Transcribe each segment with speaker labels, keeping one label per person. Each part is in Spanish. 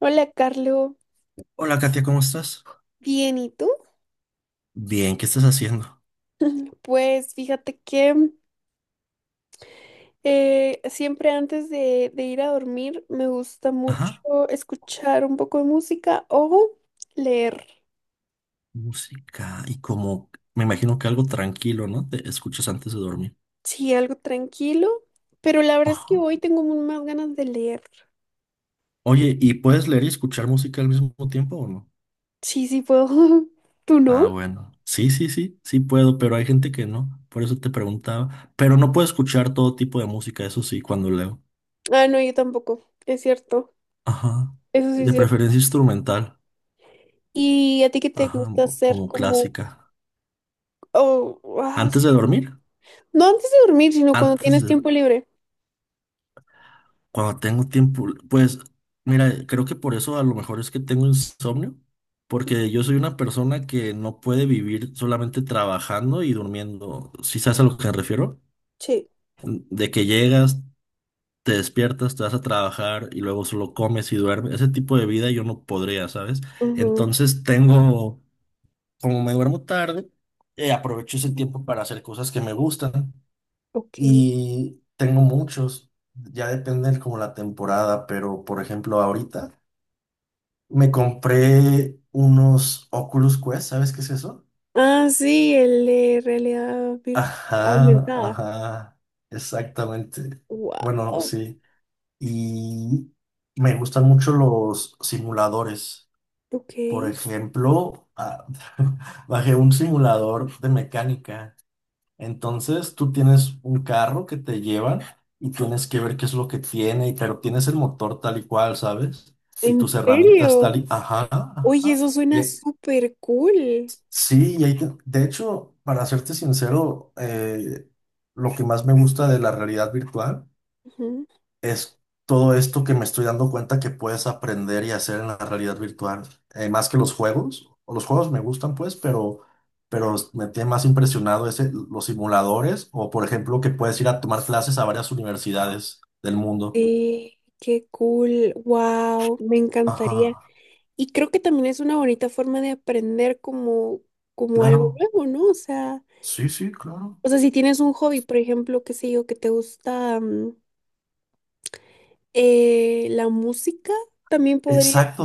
Speaker 1: Hola, Carlo.
Speaker 2: Hola, Katia, ¿cómo estás?
Speaker 1: Bien, ¿y tú?
Speaker 2: Bien, ¿qué estás haciendo?
Speaker 1: Pues fíjate que siempre antes de ir a dormir me gusta
Speaker 2: Ajá,
Speaker 1: mucho escuchar un poco de música o leer.
Speaker 2: música y como me imagino que algo tranquilo, ¿no? Te escuchas antes de dormir.
Speaker 1: Sí, algo tranquilo, pero la verdad es que
Speaker 2: Ajá.
Speaker 1: hoy tengo mu- más ganas de leer.
Speaker 2: Oye, ¿y puedes leer y escuchar música al mismo tiempo o no?
Speaker 1: Sí, sí puedo. ¿Tú no?
Speaker 2: Ah, bueno. Sí, sí, sí, sí puedo, pero hay gente que no. Por eso te preguntaba. Pero no puedo escuchar todo tipo de música, eso sí, cuando leo.
Speaker 1: Ah, no, yo tampoco. Es cierto.
Speaker 2: Ajá.
Speaker 1: Eso sí es
Speaker 2: De
Speaker 1: cierto.
Speaker 2: preferencia instrumental.
Speaker 1: ¿Y a ti qué te
Speaker 2: Ajá,
Speaker 1: gusta hacer
Speaker 2: como
Speaker 1: como...
Speaker 2: clásica.
Speaker 1: Oh, ah,
Speaker 2: ¿Antes de
Speaker 1: sí.
Speaker 2: dormir?
Speaker 1: No antes de dormir, sino cuando
Speaker 2: Antes
Speaker 1: tienes
Speaker 2: de...
Speaker 1: tiempo libre.
Speaker 2: Cuando tengo tiempo, pues mira, creo que por eso a lo mejor es que tengo insomnio, porque yo soy una persona que no puede vivir solamente trabajando y durmiendo. ¿Si sabes a lo que me refiero?
Speaker 1: Sí.
Speaker 2: De que llegas, te despiertas, te vas a trabajar y luego solo comes y duermes. Ese tipo de vida yo no podría, ¿sabes?
Speaker 1: Ujú.
Speaker 2: Entonces tengo, como me duermo tarde, aprovecho ese tiempo para hacer cosas que me gustan.
Speaker 1: Ok.
Speaker 2: Y tengo muchos, ya depende de como la temporada, pero por ejemplo ahorita me compré unos Oculus Quest, ¿sabes qué es eso?
Speaker 1: Ah, sí, el de realidad vir-
Speaker 2: Ajá,
Speaker 1: aumentada.
Speaker 2: ajá, exactamente. Bueno,
Speaker 1: Wow,
Speaker 2: sí. Y me gustan mucho los simuladores.
Speaker 1: ok.
Speaker 2: Por ejemplo, bajé un simulador de mecánica. Entonces tú tienes un carro que te llevan y tienes que ver qué es lo que tiene, pero tienes el motor tal y cual, ¿sabes? Y
Speaker 1: ¿En
Speaker 2: tus herramientas
Speaker 1: serio?
Speaker 2: tal y... Ajá, ajá.
Speaker 1: Oye, eso
Speaker 2: Y,
Speaker 1: suena
Speaker 2: ahí-
Speaker 1: súper cool.
Speaker 2: sí, de hecho, para serte sincero, lo que más me gusta de la realidad virtual
Speaker 1: Ujú.
Speaker 2: es todo esto que me estoy dando cuenta que puedes aprender y hacer en la realidad virtual, más que los juegos. O los juegos me gustan, pues, pero me tiene más impresionado ese, los simuladores, o por ejemplo, que puedes ir a tomar clases a varias universidades del mundo.
Speaker 1: Sí, qué cool. Wow, me encantaría.
Speaker 2: Ajá,
Speaker 1: Y creo que también es una bonita forma de aprender como, como algo
Speaker 2: claro.
Speaker 1: nuevo, ¿no?
Speaker 2: Sí, sí, claro.
Speaker 1: O sea, si tienes un hobby, por ejemplo, qué sé yo, que te gusta la música, también podría
Speaker 2: Exacto.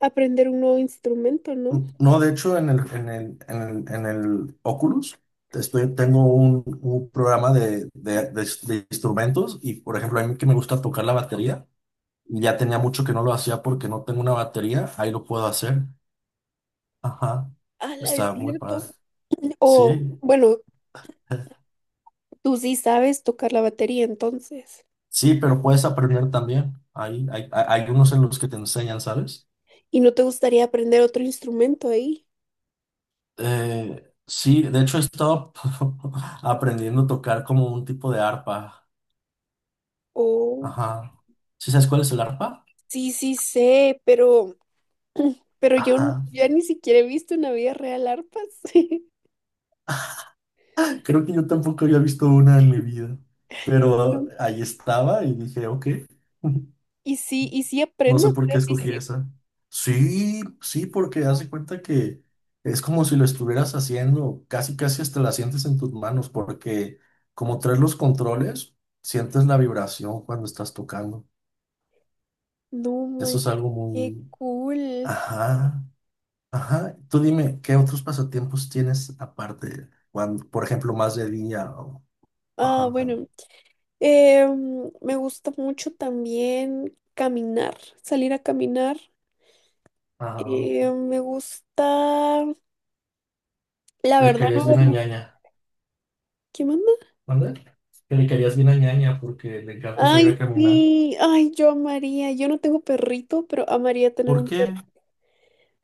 Speaker 1: aprender un nuevo instrumento, ¿no?
Speaker 2: No, de hecho, en el Oculus estoy, tengo un programa de instrumentos y, por ejemplo, a mí que me gusta tocar la batería. Y ya tenía mucho que no lo hacía porque no tengo una batería, ahí lo puedo hacer. Ajá,
Speaker 1: Ah, es
Speaker 2: está muy padre.
Speaker 1: cierto. O,
Speaker 2: Sí,
Speaker 1: bueno, tú sí sabes tocar la batería entonces.
Speaker 2: sí, pero puedes aprender también. Hay unos en los que te enseñan, ¿sabes?
Speaker 1: ¿Y no te gustaría aprender otro instrumento ahí?
Speaker 2: Sí, de hecho he estado aprendiendo a tocar como un tipo de arpa.
Speaker 1: O,
Speaker 2: Ajá. ¿Sí sabes cuál es el arpa?
Speaker 1: sí, sí sé, pero yo n-
Speaker 2: Ajá.
Speaker 1: ya ni siquiera he visto una vida real arpas.
Speaker 2: Creo que yo tampoco había visto una en mi vida,
Speaker 1: No.
Speaker 2: pero ahí estaba y dije, ok.
Speaker 1: Y sí
Speaker 2: No
Speaker 1: aprendes,
Speaker 2: sé
Speaker 1: o
Speaker 2: por
Speaker 1: sea,
Speaker 2: qué
Speaker 1: sí
Speaker 2: escogí
Speaker 1: sirve.
Speaker 2: esa. Sí, sí, porque
Speaker 1: No,
Speaker 2: hace cuenta que es como si lo estuvieras haciendo, casi casi hasta la sientes en tus manos, porque como traes los controles, sientes la vibración cuando estás tocando.
Speaker 1: no,
Speaker 2: Eso
Speaker 1: man,
Speaker 2: es algo
Speaker 1: qué
Speaker 2: muy...
Speaker 1: cool.
Speaker 2: Ajá, ajá. Tú dime, ¿qué otros pasatiempos tienes aparte? Cuando, por ejemplo, más de día o...
Speaker 1: Ah,
Speaker 2: Ajá.
Speaker 1: bueno, me gusta mucho también caminar, salir a caminar.
Speaker 2: Ah,
Speaker 1: Me gusta, la
Speaker 2: le
Speaker 1: verdad no
Speaker 2: querías bien a
Speaker 1: veo,
Speaker 2: Ñaña.
Speaker 1: ¿qué más?
Speaker 2: ¿Mande? Que le querías bien a Ñaña porque le encanta salir
Speaker 1: Ay,
Speaker 2: a caminar.
Speaker 1: sí, ay, yo amaría, yo no tengo perrito, pero amaría tener
Speaker 2: ¿Por
Speaker 1: un perro.
Speaker 2: qué?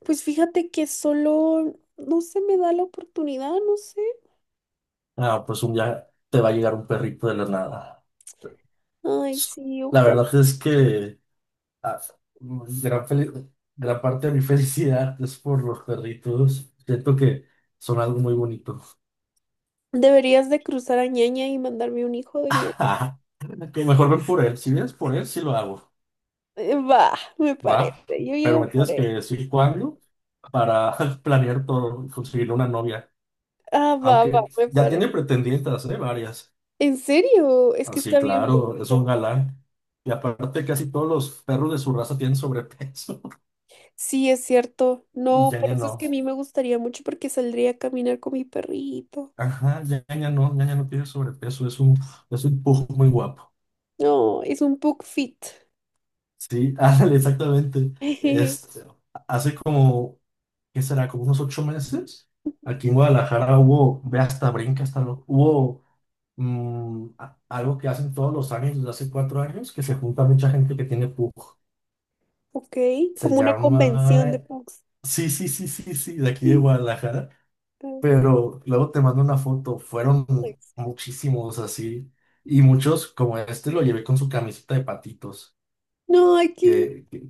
Speaker 1: Pues fíjate que solo no se me da la oportunidad, no sé.
Speaker 2: Ah, pues un día te va a llegar un perrito de la nada.
Speaker 1: Ay, sí,
Speaker 2: La
Speaker 1: ojalá.
Speaker 2: verdad es que ah, gran, fel- gran parte de mi felicidad es por los perritos. Siento que son algo muy bonito.
Speaker 1: Deberías de cruzar a Ñaña y mandarme un hijo de Ñaña.
Speaker 2: Ah, que mejor ven por él. Si vienes por él, sí lo hago.
Speaker 1: Va, me parece,
Speaker 2: Va.
Speaker 1: yo
Speaker 2: Pero
Speaker 1: llego
Speaker 2: me
Speaker 1: por
Speaker 2: tienes
Speaker 1: él.
Speaker 2: que decir cuándo para planear todo, conseguir una novia.
Speaker 1: Ah, va, va,
Speaker 2: Aunque
Speaker 1: me
Speaker 2: ya
Speaker 1: parece.
Speaker 2: tiene pretendientes, ¿eh? Varias.
Speaker 1: ¿En serio? Es que
Speaker 2: Así,
Speaker 1: está bien
Speaker 2: claro, es un
Speaker 1: guapo.
Speaker 2: galán. Y aparte, casi todos los perros de su raza tienen sobrepeso.
Speaker 1: Sí, es cierto.
Speaker 2: Y
Speaker 1: No,
Speaker 2: ya
Speaker 1: por
Speaker 2: ya
Speaker 1: eso es
Speaker 2: no.
Speaker 1: que a mí me gustaría mucho porque saldría a caminar con mi perrito.
Speaker 2: Ajá, ya ya no, ya ya no tiene sobrepeso, es un pujo muy guapo.
Speaker 1: No, es un pug fit.
Speaker 2: Sí, ándale, exactamente. Este, hace como, ¿qué será? Como unos ocho meses, aquí en Guadalajara hubo, ve hasta brinca, hasta lo, hubo algo que hacen todos los años, desde hace cuatro años, que se junta mucha gente que tiene pujo.
Speaker 1: Ok,
Speaker 2: Se
Speaker 1: como una convención de
Speaker 2: llama,
Speaker 1: punks.
Speaker 2: sí, sí, sí, sí, sí, de aquí de Guadalajara. Pero luego te mando una foto, fueron muchísimos así, y muchos como este lo llevé con su camiseta de patitos,
Speaker 1: No, aquí,
Speaker 2: que, que-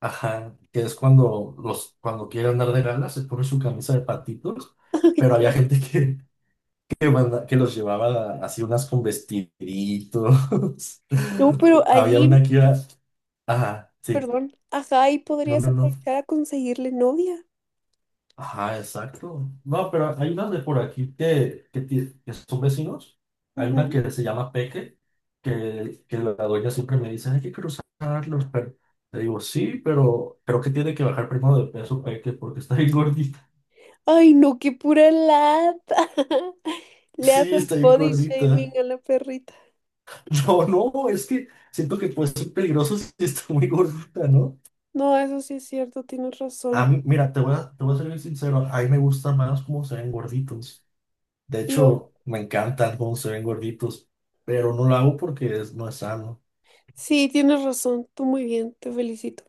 Speaker 2: ajá, que es cuando los, cuando quiere andar de gala, se pone su camisa de patitos,
Speaker 1: ay,
Speaker 2: pero había
Speaker 1: cor-
Speaker 2: gente que los llevaba así unas con vestiditos,
Speaker 1: no, pero
Speaker 2: había
Speaker 1: ahí,
Speaker 2: una que iba, ajá, sí,
Speaker 1: perdón, ajá, ahí
Speaker 2: no,
Speaker 1: podrías
Speaker 2: no, no.
Speaker 1: aprovechar a conseguirle novia.
Speaker 2: Ajá, exacto. No, pero hay unas de por aquí que son vecinos. Hay una
Speaker 1: Ujú.
Speaker 2: que se llama Peque, que la dueña siempre me dice, hay que cruzarlos, pero le digo, sí, pero creo que tiene que bajar primero de peso Peque porque está bien gordita.
Speaker 1: Ay, no, qué pura lata. Le
Speaker 2: Sí,
Speaker 1: haces
Speaker 2: está bien
Speaker 1: body shaming
Speaker 2: gordita.
Speaker 1: a la perrita.
Speaker 2: No, no, es que siento que puede ser peligroso si está muy gordita, ¿no?
Speaker 1: No, eso sí es cierto, tienes
Speaker 2: A
Speaker 1: razón.
Speaker 2: mí, mira, te voy a ser bien sincero, a mí me gusta más cómo se ven gorditos. De
Speaker 1: Lo...
Speaker 2: hecho, me encantan cómo se ven gorditos, pero no lo hago porque no es sano.
Speaker 1: Sí, tienes razón, tú muy bien, te felicito.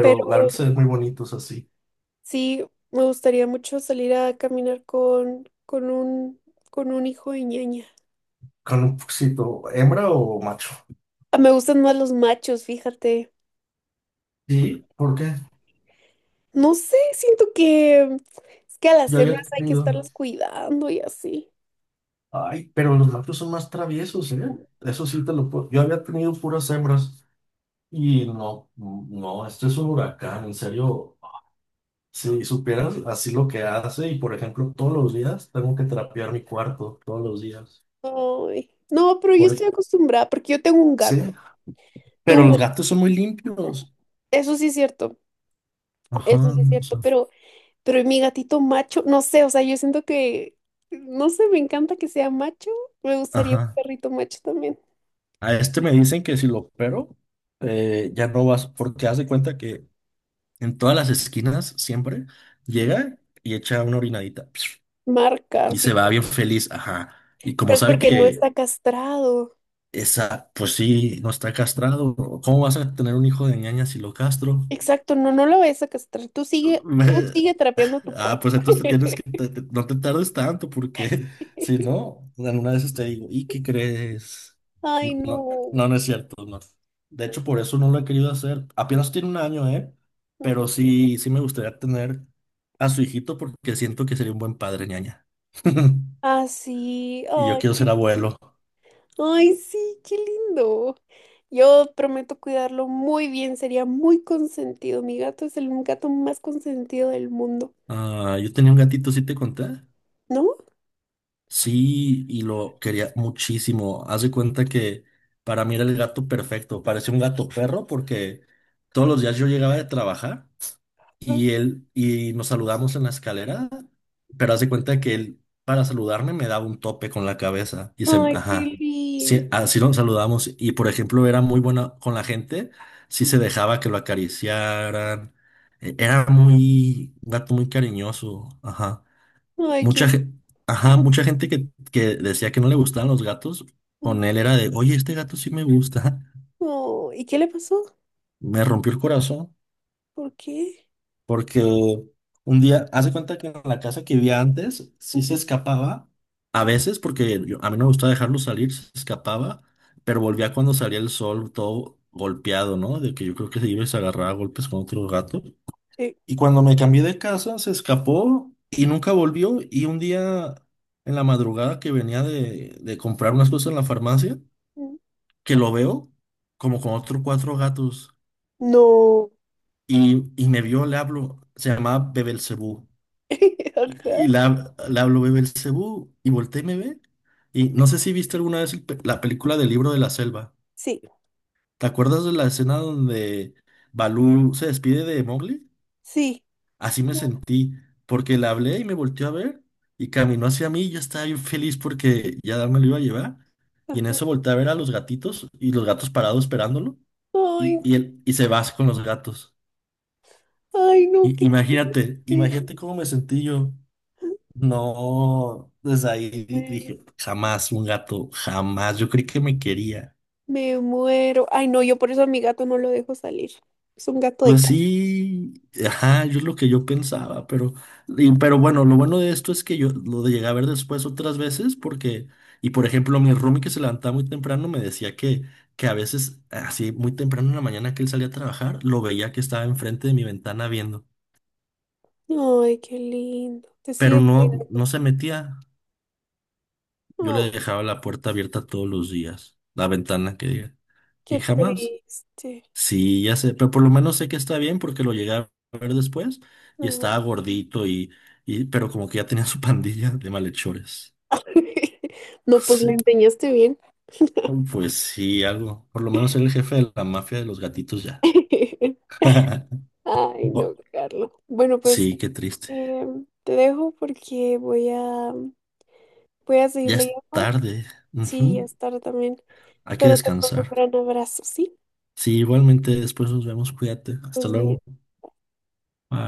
Speaker 1: Pero
Speaker 2: la verdad se ven muy bonitos así,
Speaker 1: sí, me gustaría mucho salir a caminar con un hijo de ñaña.
Speaker 2: con un poquito, ¿hembra o macho?
Speaker 1: Ah, me gustan más los machos, fíjate.
Speaker 2: Sí, ¿por qué?
Speaker 1: No sé, siento que es que a las
Speaker 2: Yo había
Speaker 1: hembras hay que
Speaker 2: tenido.
Speaker 1: estarlas cuidando y así.
Speaker 2: Ay, pero los machos son más traviesos, ¿eh? Eso sí te lo puedo. Yo había tenido puras hembras y no, no, esto es un huracán, en serio. Si supieras así lo que hace, y por ejemplo, todos los días tengo que trapear mi cuarto, todos los días.
Speaker 1: Ay. No, pero yo
Speaker 2: Por...
Speaker 1: estoy
Speaker 2: e,
Speaker 1: acostumbrada porque yo tengo un gato.
Speaker 2: Sí,
Speaker 1: Tengo
Speaker 2: pero
Speaker 1: un
Speaker 2: los
Speaker 1: gato.
Speaker 2: gatos son muy limpios.
Speaker 1: Eso sí es cierto. Eso
Speaker 2: Ajá,
Speaker 1: sí es
Speaker 2: o
Speaker 1: cierto,
Speaker 2: sea,
Speaker 1: pero mi gatito macho, no sé, o sea, yo siento que no sé, me encanta que sea macho. Me gustaría un
Speaker 2: ajá.
Speaker 1: perrito macho también.
Speaker 2: A este me dicen que si lo opero, ya no vas, porque haz de cuenta que en todas las esquinas siempre llega y echa una orinadita psh,
Speaker 1: Marca,
Speaker 2: y
Speaker 1: sí.
Speaker 2: se va bien feliz, ajá. Y
Speaker 1: Pero
Speaker 2: como
Speaker 1: es
Speaker 2: sabe
Speaker 1: porque no
Speaker 2: que
Speaker 1: está castrado.
Speaker 2: pues sí, no está castrado, ¿cómo vas a tener un hijo de Ñaña si lo castro?
Speaker 1: Exacto, no, no lo vayas a castrar. Tú
Speaker 2: Me-
Speaker 1: sigue trapeando tu
Speaker 2: Ah,
Speaker 1: cuerpo
Speaker 2: pues entonces te tienes que, te- te- no te tardes tanto porque si no, alguna vez te digo, ¿y qué crees?
Speaker 1: Ay,
Speaker 2: No, no,
Speaker 1: no.
Speaker 2: no, no es cierto, no. De hecho, por eso no lo he querido hacer. Apenas tiene un año, ¿eh? Pero sí, sí me gustaría tener a su hijito porque siento que sería un buen padre, Ñaña.
Speaker 1: Así,
Speaker 2: Y yo
Speaker 1: ay,
Speaker 2: quiero ser abuelo.
Speaker 1: ay, sí, qué lindo. Yo prometo cuidarlo muy bien, sería muy consentido. Mi gato es el gato más consentido del mundo,
Speaker 2: Ah, yo tenía un gatito, ¿sí te conté?
Speaker 1: ¿no?
Speaker 2: Sí, y lo quería muchísimo. Haz de cuenta que para mí era el gato perfecto. Parecía un gato perro porque todos los días yo llegaba de trabajar y nos saludamos en la escalera, pero haz de cuenta que él para saludarme me daba un tope con la cabeza y
Speaker 1: Ay, qué
Speaker 2: ajá,
Speaker 1: lindo.
Speaker 2: sí, así nos saludamos y por ejemplo era muy buena con la gente, sí se dejaba que lo acariciaran, e- era muy un gato muy cariñoso, ajá.
Speaker 1: Ay,
Speaker 2: Mucha,
Speaker 1: qué
Speaker 2: ge- ajá, mucha gente que decía que no le gustaban los gatos,
Speaker 1: lindo.
Speaker 2: con él era de, oye, este gato sí me gusta.
Speaker 1: Oh, ¿y qué le pasó?
Speaker 2: Me rompió el corazón
Speaker 1: ¿Por qué?
Speaker 2: porque un día, hace cuenta que en la casa que vivía antes, sí se
Speaker 1: Ujú.
Speaker 2: escapaba, a veces porque a mí no me gustaba dejarlo salir, se escapaba, pero volvía cuando salía el sol todo golpeado, ¿no? De que yo creo que se iba y se agarraba a golpes con otro gato.
Speaker 1: Sí.
Speaker 2: Y cuando me cambié de casa, se escapó y nunca volvió. Y un día en la madrugada que venía de comprar unas cosas en la farmacia,
Speaker 1: Mm.
Speaker 2: que lo veo como con otros cuatro gatos.
Speaker 1: No.
Speaker 2: Y me vio, le hablo, se llamaba Bebelcebú. Y,
Speaker 1: Ajá.
Speaker 2: y le hablo Bebelcebú y volteé y me ve. Y no sé si viste alguna vez la película del Libro de la Selva.
Speaker 1: Sí,
Speaker 2: ¿Te acuerdas de la escena donde Balú se despide de Mowgli?
Speaker 1: sí.
Speaker 2: Así me sentí, porque le hablé y me volteó a ver y caminó hacia mí y yo estaba bien feliz porque ya me lo iba a llevar. Y en
Speaker 1: Ajá.
Speaker 2: eso volteé a ver a los gatitos y los gatos parados esperándolo
Speaker 1: Ay,
Speaker 2: y él se va con los gatos.
Speaker 1: ay, no,
Speaker 2: Y,
Speaker 1: qué
Speaker 2: imagínate, imagínate cómo me sentí yo. No, desde ahí
Speaker 1: triste.
Speaker 2: dije, jamás un gato, jamás. Yo creí que me quería.
Speaker 1: Me muero. Ay, no, yo por eso a mi gato no lo dejo salir. Es un gato de
Speaker 2: Pues
Speaker 1: calle.
Speaker 2: sí, ajá, yo es lo que yo pensaba, pero, pero bueno, lo bueno de esto es que yo lo llegué a ver después otras veces porque, y por ejemplo, mi roomie que se levantaba muy temprano me decía que a veces, así muy temprano en la mañana que él salía a trabajar, lo veía que estaba enfrente de mi ventana viendo,
Speaker 1: Ay, qué lindo. Te
Speaker 2: pero
Speaker 1: sigue
Speaker 2: no,
Speaker 1: cuidando.
Speaker 2: no se metía. Yo
Speaker 1: Oh,
Speaker 2: le dejaba la puerta abierta todos los días, la ventana que diga, y
Speaker 1: qué
Speaker 2: jamás.
Speaker 1: triste.
Speaker 2: Sí, ya sé, pero por lo menos sé que está bien porque lo llegué a ver después y
Speaker 1: No.
Speaker 2: estaba gordito y, pero como que ya tenía su pandilla de malhechores.
Speaker 1: No, pues le
Speaker 2: Sí,
Speaker 1: enseñaste bien.
Speaker 2: pues sí, algo. Por lo menos era el jefe de la mafia de los gatitos ya.
Speaker 1: Ay, no,
Speaker 2: Bu-
Speaker 1: Carlos. Bueno, pues
Speaker 2: Sí, qué triste.
Speaker 1: te dejo porque voy a voy a seguir
Speaker 2: Ya es
Speaker 1: leyendo.
Speaker 2: tarde.
Speaker 1: Sí, ya
Speaker 2: Ujú.
Speaker 1: es tarde también.
Speaker 2: Hay que
Speaker 1: Pero te mando un
Speaker 2: descansar.
Speaker 1: gran abrazo, ¿sí?
Speaker 2: Sí, igualmente después nos vemos. Cuídate. Hasta
Speaker 1: Pues
Speaker 2: luego.
Speaker 1: bien.
Speaker 2: Bye.